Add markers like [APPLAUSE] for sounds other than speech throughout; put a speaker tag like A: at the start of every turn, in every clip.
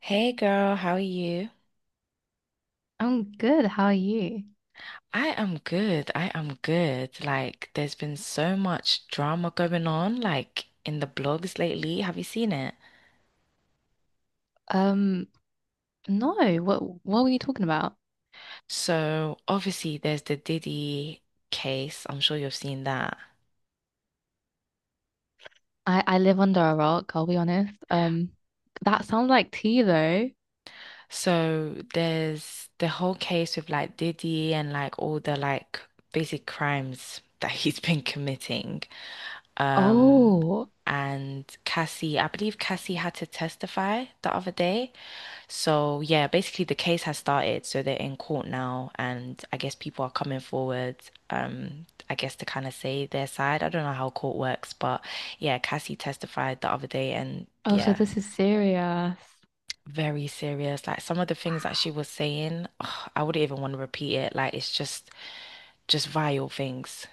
A: Hey girl, how are you?
B: I'm good. How are you?
A: I am good. I am good. Like, there's been so much drama going on, like in the blogs lately. Have you seen it?
B: Um, no, what were you talking about?
A: So, obviously, there's the Diddy case. I'm sure you've seen that.
B: I live under a rock, I'll be honest. That sounds like tea though.
A: So, there's the whole case with like Diddy and like all the like basic crimes [LAUGHS] that he's been committing. Um,
B: Oh,
A: and Cassie, I believe Cassie had to testify the other day. So yeah, basically the case has started, so they're in court now, and I guess people are coming forward, I guess to kind of say their side. I don't know how court works, but yeah, Cassie testified the other day, and
B: oh, so
A: yeah,
B: this is serious.
A: very serious. Like some of the things that she was saying, ugh, I wouldn't even want to repeat it. Like it's just vile things.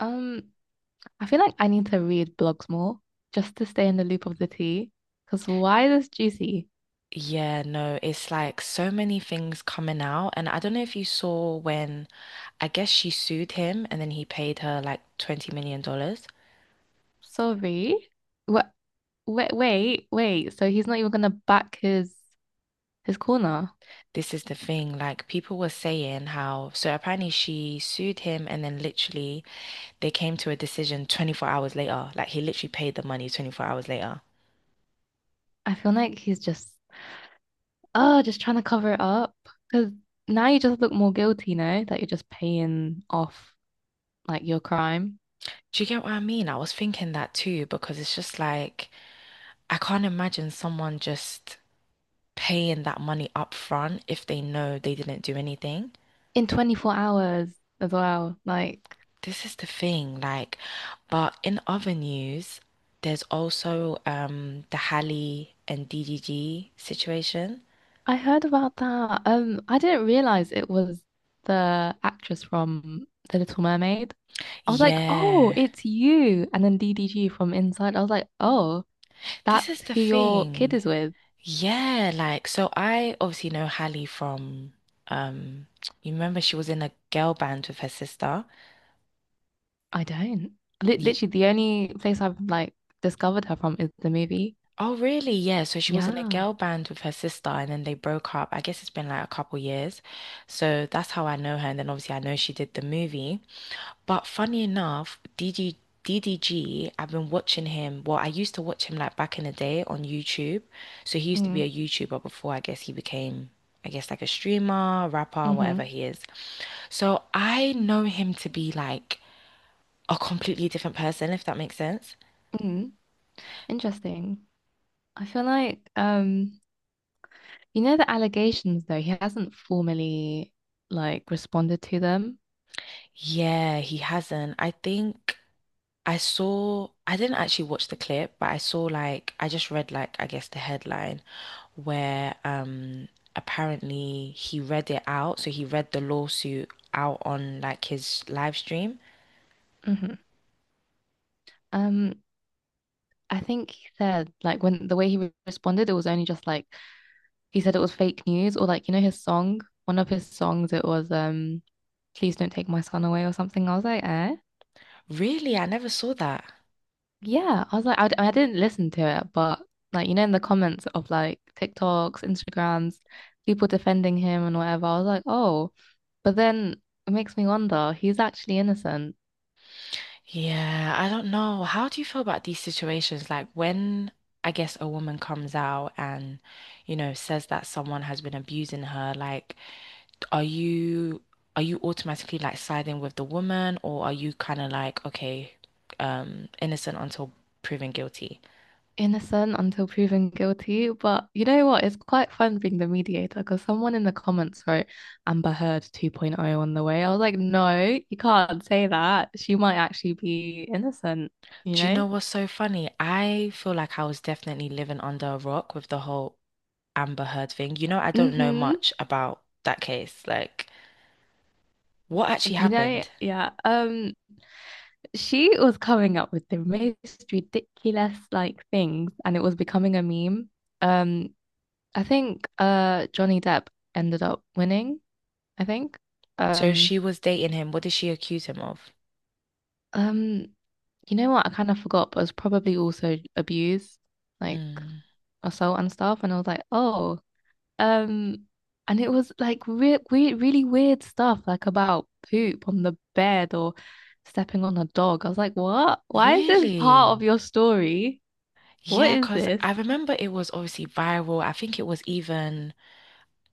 B: Um, I feel like I need to read blogs more just to stay in the loop of the tea. Because why this juicy?
A: Yeah, no, it's like so many things coming out. And I don't know if you saw when I guess she sued him and then he paid her like $20 million dollars.
B: Sorry. What? Wait, wait, wait. So he's not even gonna back his corner.
A: This is the thing, like people were saying how, so apparently she sued him and then literally they came to a decision 24 hours later. Like he literally paid the money 24 hours later.
B: I feel like he's just oh, just trying to cover it up. Because now you just look more guilty, no? That you're just paying off like your crime
A: Do you get what I mean? I was thinking that too because it's just like I can't imagine someone just paying that money up front if they know they didn't do anything.
B: in 24 hours as well. Like,
A: This is the thing, like, but in other news, there's also the Halle and DDG situation.
B: I heard about that. I didn't realize it was the actress from The Little Mermaid. I was like, oh,
A: Yeah.
B: it's you. And then DDG from inside. I was like, oh,
A: This
B: that's
A: is the
B: who your kid
A: thing.
B: is with.
A: Yeah, like so I obviously know Hallie from um you remember she was in a girl band with her sister.
B: I don't.
A: Ye-
B: Literally, the only place I've like discovered her from is the movie.
A: Oh really? Yeah, so she was in a
B: Yeah.
A: girl band with her sister and then they broke up. I guess it's been like a couple years. So that's how I know her and then obviously I know she did the movie. But funny enough, DDD have been watching him. Well, I used to watch him like back in the day on YouTube. So he used to be a
B: Mm,
A: YouTuber before I guess he became, I guess, like a streamer, rapper, whatever
B: hmm
A: he is. So I know him to be like a completely different person, if that makes sense.
B: Mm, Interesting. I feel like you know the allegations though, he hasn't formally like responded to them.
A: Yeah, he hasn't. I think I saw, I didn't actually watch the clip, but I saw like, I just read like, I guess the headline, where apparently he read it out. So he read the lawsuit out on like his live stream.
B: hmm Um, I think he said like when the way he responded, it was only just like he said it was fake news or like you know his song, one of his songs, it was please don't take my son away or something. I was like, eh?
A: Really? I never saw that.
B: Yeah, I was like, I didn't listen to it, but like, you know, in the comments of like TikToks, Instagrams, people defending him and whatever, I was like, oh, but then it makes me wonder, he's actually innocent,
A: Yeah, I don't know. How do you feel about these situations? Like when I guess a woman comes out and, you know, says that someone has been abusing her, like are you are you automatically like siding with the woman or are you kind of like, okay, innocent until proven guilty?
B: innocent until proven guilty. But you know what? It's quite fun being the mediator because someone in the comments wrote Amber Heard 2.0 on the way. I was like, no, you can't say that. She might actually be innocent, you
A: Do you
B: know?
A: know what's so funny? I feel like I was definitely living under a rock with the whole Amber Heard thing. You know, I don't know
B: Mm-hmm.
A: much about that case. Like, what actually
B: You know,
A: happened?
B: yeah. She was coming up with the most ridiculous like things and it was becoming a meme. Um, I think Johnny Depp ended up winning, I think.
A: So
B: Um,
A: she was dating him. What did she accuse him of?
B: um, you know what? I kind of forgot, but it was probably also abuse, like
A: Hmm.
B: assault and stuff. And I was like, oh, um, and it was like weird, weird, really weird stuff, like about poop on the bed or stepping on a dog. I was like, what? Why is this part of
A: Really?
B: your story? What
A: Yeah,
B: is
A: because
B: this?
A: I remember it was obviously viral. I think it was even,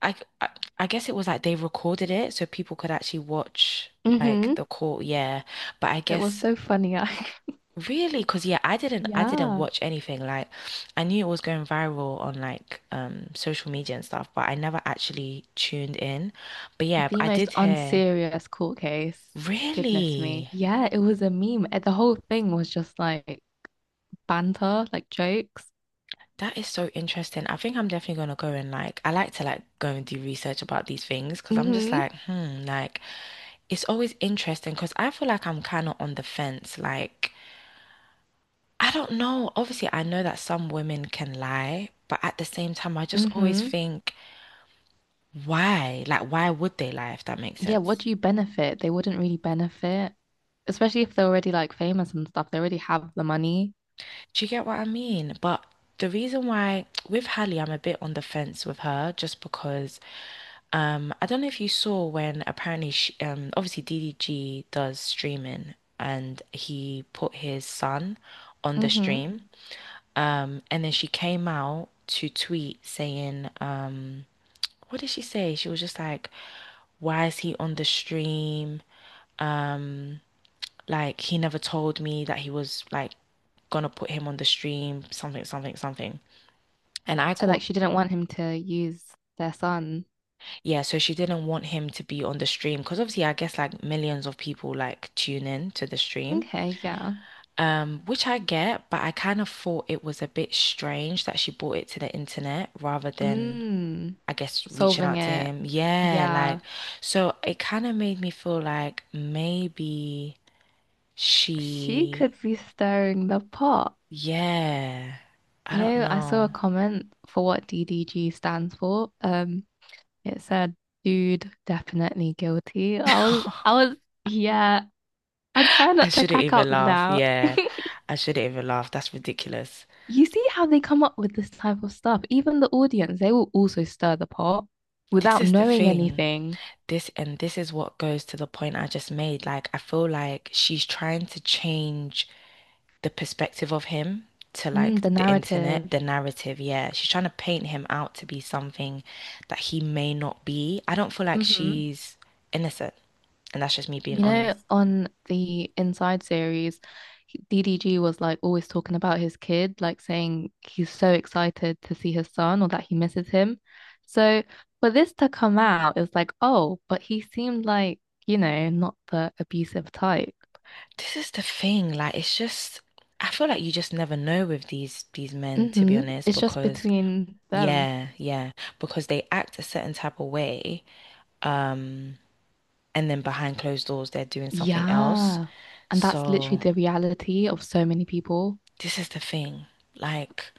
A: I, I, I guess it was like they recorded it so people could actually watch like
B: hmm
A: the court. Yeah. But I
B: It was
A: guess
B: so funny. I [LAUGHS]
A: Really? Because yeah, I didn't
B: Yeah.
A: watch anything. Like I knew it was going viral on like social media and stuff, but I never actually tuned in. But yeah,
B: The
A: I
B: most
A: did hear.
B: unserious court case. Goodness me.
A: Really?
B: Yeah, it was a meme. The whole thing was just like banter, like jokes.
A: That is so interesting. I think I'm definitely gonna go and like I like to like go and do research about these things because I'm just
B: Mm-hmm.
A: like, hmm, like it's always interesting because I feel like I'm kind of on the fence. Like I don't know. Obviously, I know that some women can lie, but at the same time, I just always
B: Mm-hmm.
A: think why? Like, why would they lie if that makes
B: Yeah, what
A: sense?
B: do you benefit? They wouldn't really benefit, especially if they're already like famous and stuff. They already have the money.
A: Do you get what I mean? But the reason why with Hallie, I'm a bit on the fence with her just because I don't know if you saw when apparently obviously DDG does streaming and he put his son on the
B: Mm-hmm.
A: stream. And then she came out to tweet saying what did she say? She was just like, why is he on the stream? Um Like he never told me that he was like gonna put him on the stream, something, something, something. And I
B: So like
A: caught,
B: she didn't want him to use their son.
A: yeah, so she didn't want him to be on the stream because obviously I guess like millions of people like tune in to the stream.
B: Okay, yeah.
A: Which I get, but I kind of thought it was a bit strange that she brought it to the internet rather than,
B: Mm.
A: I guess, reaching
B: Solving
A: out to
B: it.
A: him. Yeah, like,
B: Yeah.
A: so it kind of made me feel like maybe
B: She
A: she,
B: could be stirring the pot.
A: yeah, I
B: You
A: don't
B: know, I saw a
A: know.
B: comment for what DDG stands for. It said, "Dude, definitely guilty."
A: [LAUGHS]
B: I was, yeah. I try
A: I
B: not to
A: shouldn't
B: crack up
A: even laugh.
B: now. [LAUGHS]
A: Yeah, I shouldn't even laugh. That's ridiculous.
B: You see how they come up with this type of stuff. Even the audience, they will also stir the pot
A: This
B: without
A: is the
B: knowing
A: thing.
B: anything.
A: This is what goes to the point I just made. Like, I feel like she's trying to change the perspective of him to like
B: Mm, the
A: the internet,
B: narrative.
A: the narrative. Yeah, she's trying to paint him out to be something that he may not be. I don't feel like
B: hmm
A: she's innocent, and that's just me being
B: You know,
A: honest.
B: on the Inside series, DDG was like always talking about his kid, like saying he's so excited to see his son or that he misses him. So for this to come out, it was like, oh, but he seemed like, you know, not the abusive type.
A: This is the thing. Like, it's just I feel like you just never know with these men, to be honest,
B: It's just
A: because
B: between them.
A: yeah, yeah, because they act a certain type of way, um, and then behind closed doors they're doing something else.
B: Yeah. And that's literally
A: So
B: the reality of so many people.
A: this is the thing. Like,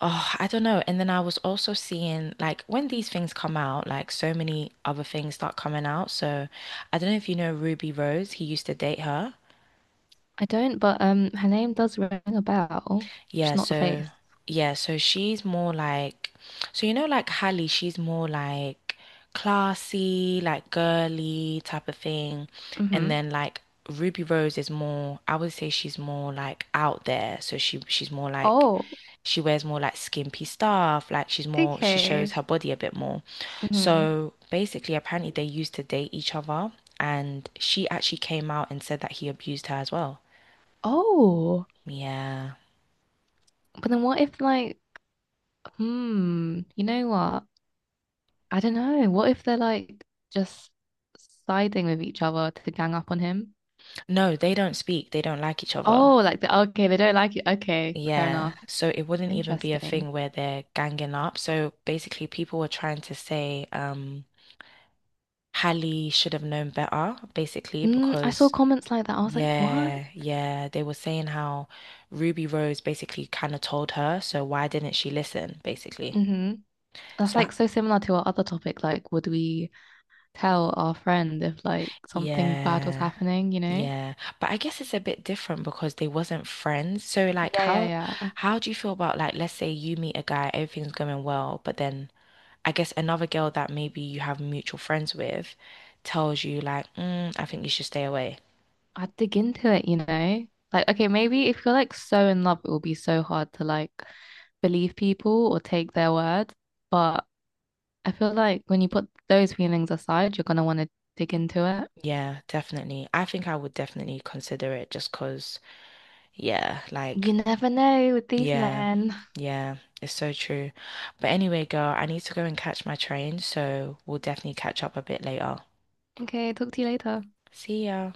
A: oh, I don't know. And then I was also seeing like when these things come out, like so many other things start coming out. So I don't know if you know Ruby Rose, he used to date her.
B: I don't, but her name does ring a bell, just
A: Yeah,
B: not the
A: so
B: face.
A: yeah, so she's more like so you know like Hallie, she's more like classy, like girly type of thing. And
B: hmm
A: then like Ruby Rose is more I would say she's more like out there. So she's more like
B: Oh,
A: she wears more like skimpy stuff, like she
B: okay.
A: shows her body a bit more.
B: hmm
A: So basically apparently they used to date each other and she actually came out and said that he abused her as well.
B: Oh,
A: Yeah.
B: but then what if like, hmm, you know what? I don't know. What if they're like just siding with each other to gang up on him?
A: No, they don't speak. They don't like each other.
B: Oh, like the okay, they don't like it. Okay, fair
A: Yeah.
B: enough.
A: So it wouldn't even be a
B: Interesting.
A: thing where they're ganging up. So basically, people were trying to say, Hallie should have known better, basically,
B: Mm, I saw
A: because
B: comments like that. I was like, what?
A: yeah, yeah, they were saying how Ruby Rose basically kind of told her, so why didn't she listen, basically?
B: hmm That's
A: So
B: like so similar to our other topic. Like, would we tell our friend if like something bad was
A: yeah.
B: happening, you know?
A: Yeah, but I guess it's a bit different because they wasn't friends. So like
B: Yeah,
A: how
B: yeah, yeah.
A: how do you feel about like let's say you meet a guy, everything's going well, but then I guess another girl that maybe you have mutual friends with tells you like, I think you should stay away.
B: I'd dig into it, you know? Like, okay, maybe if you're like so in love, it will be so hard to like believe people or take their word. But I feel like when you put those feelings aside, you're gonna want to dig into it.
A: Yeah, definitely. I think I would definitely consider it just 'cause, yeah, like,
B: You never know with these
A: yeah,
B: men. [LAUGHS]
A: yeah, it's so true. But anyway, girl, I need to go and catch my train, so we'll definitely catch up a bit later.
B: Okay, talk to you later.
A: See ya.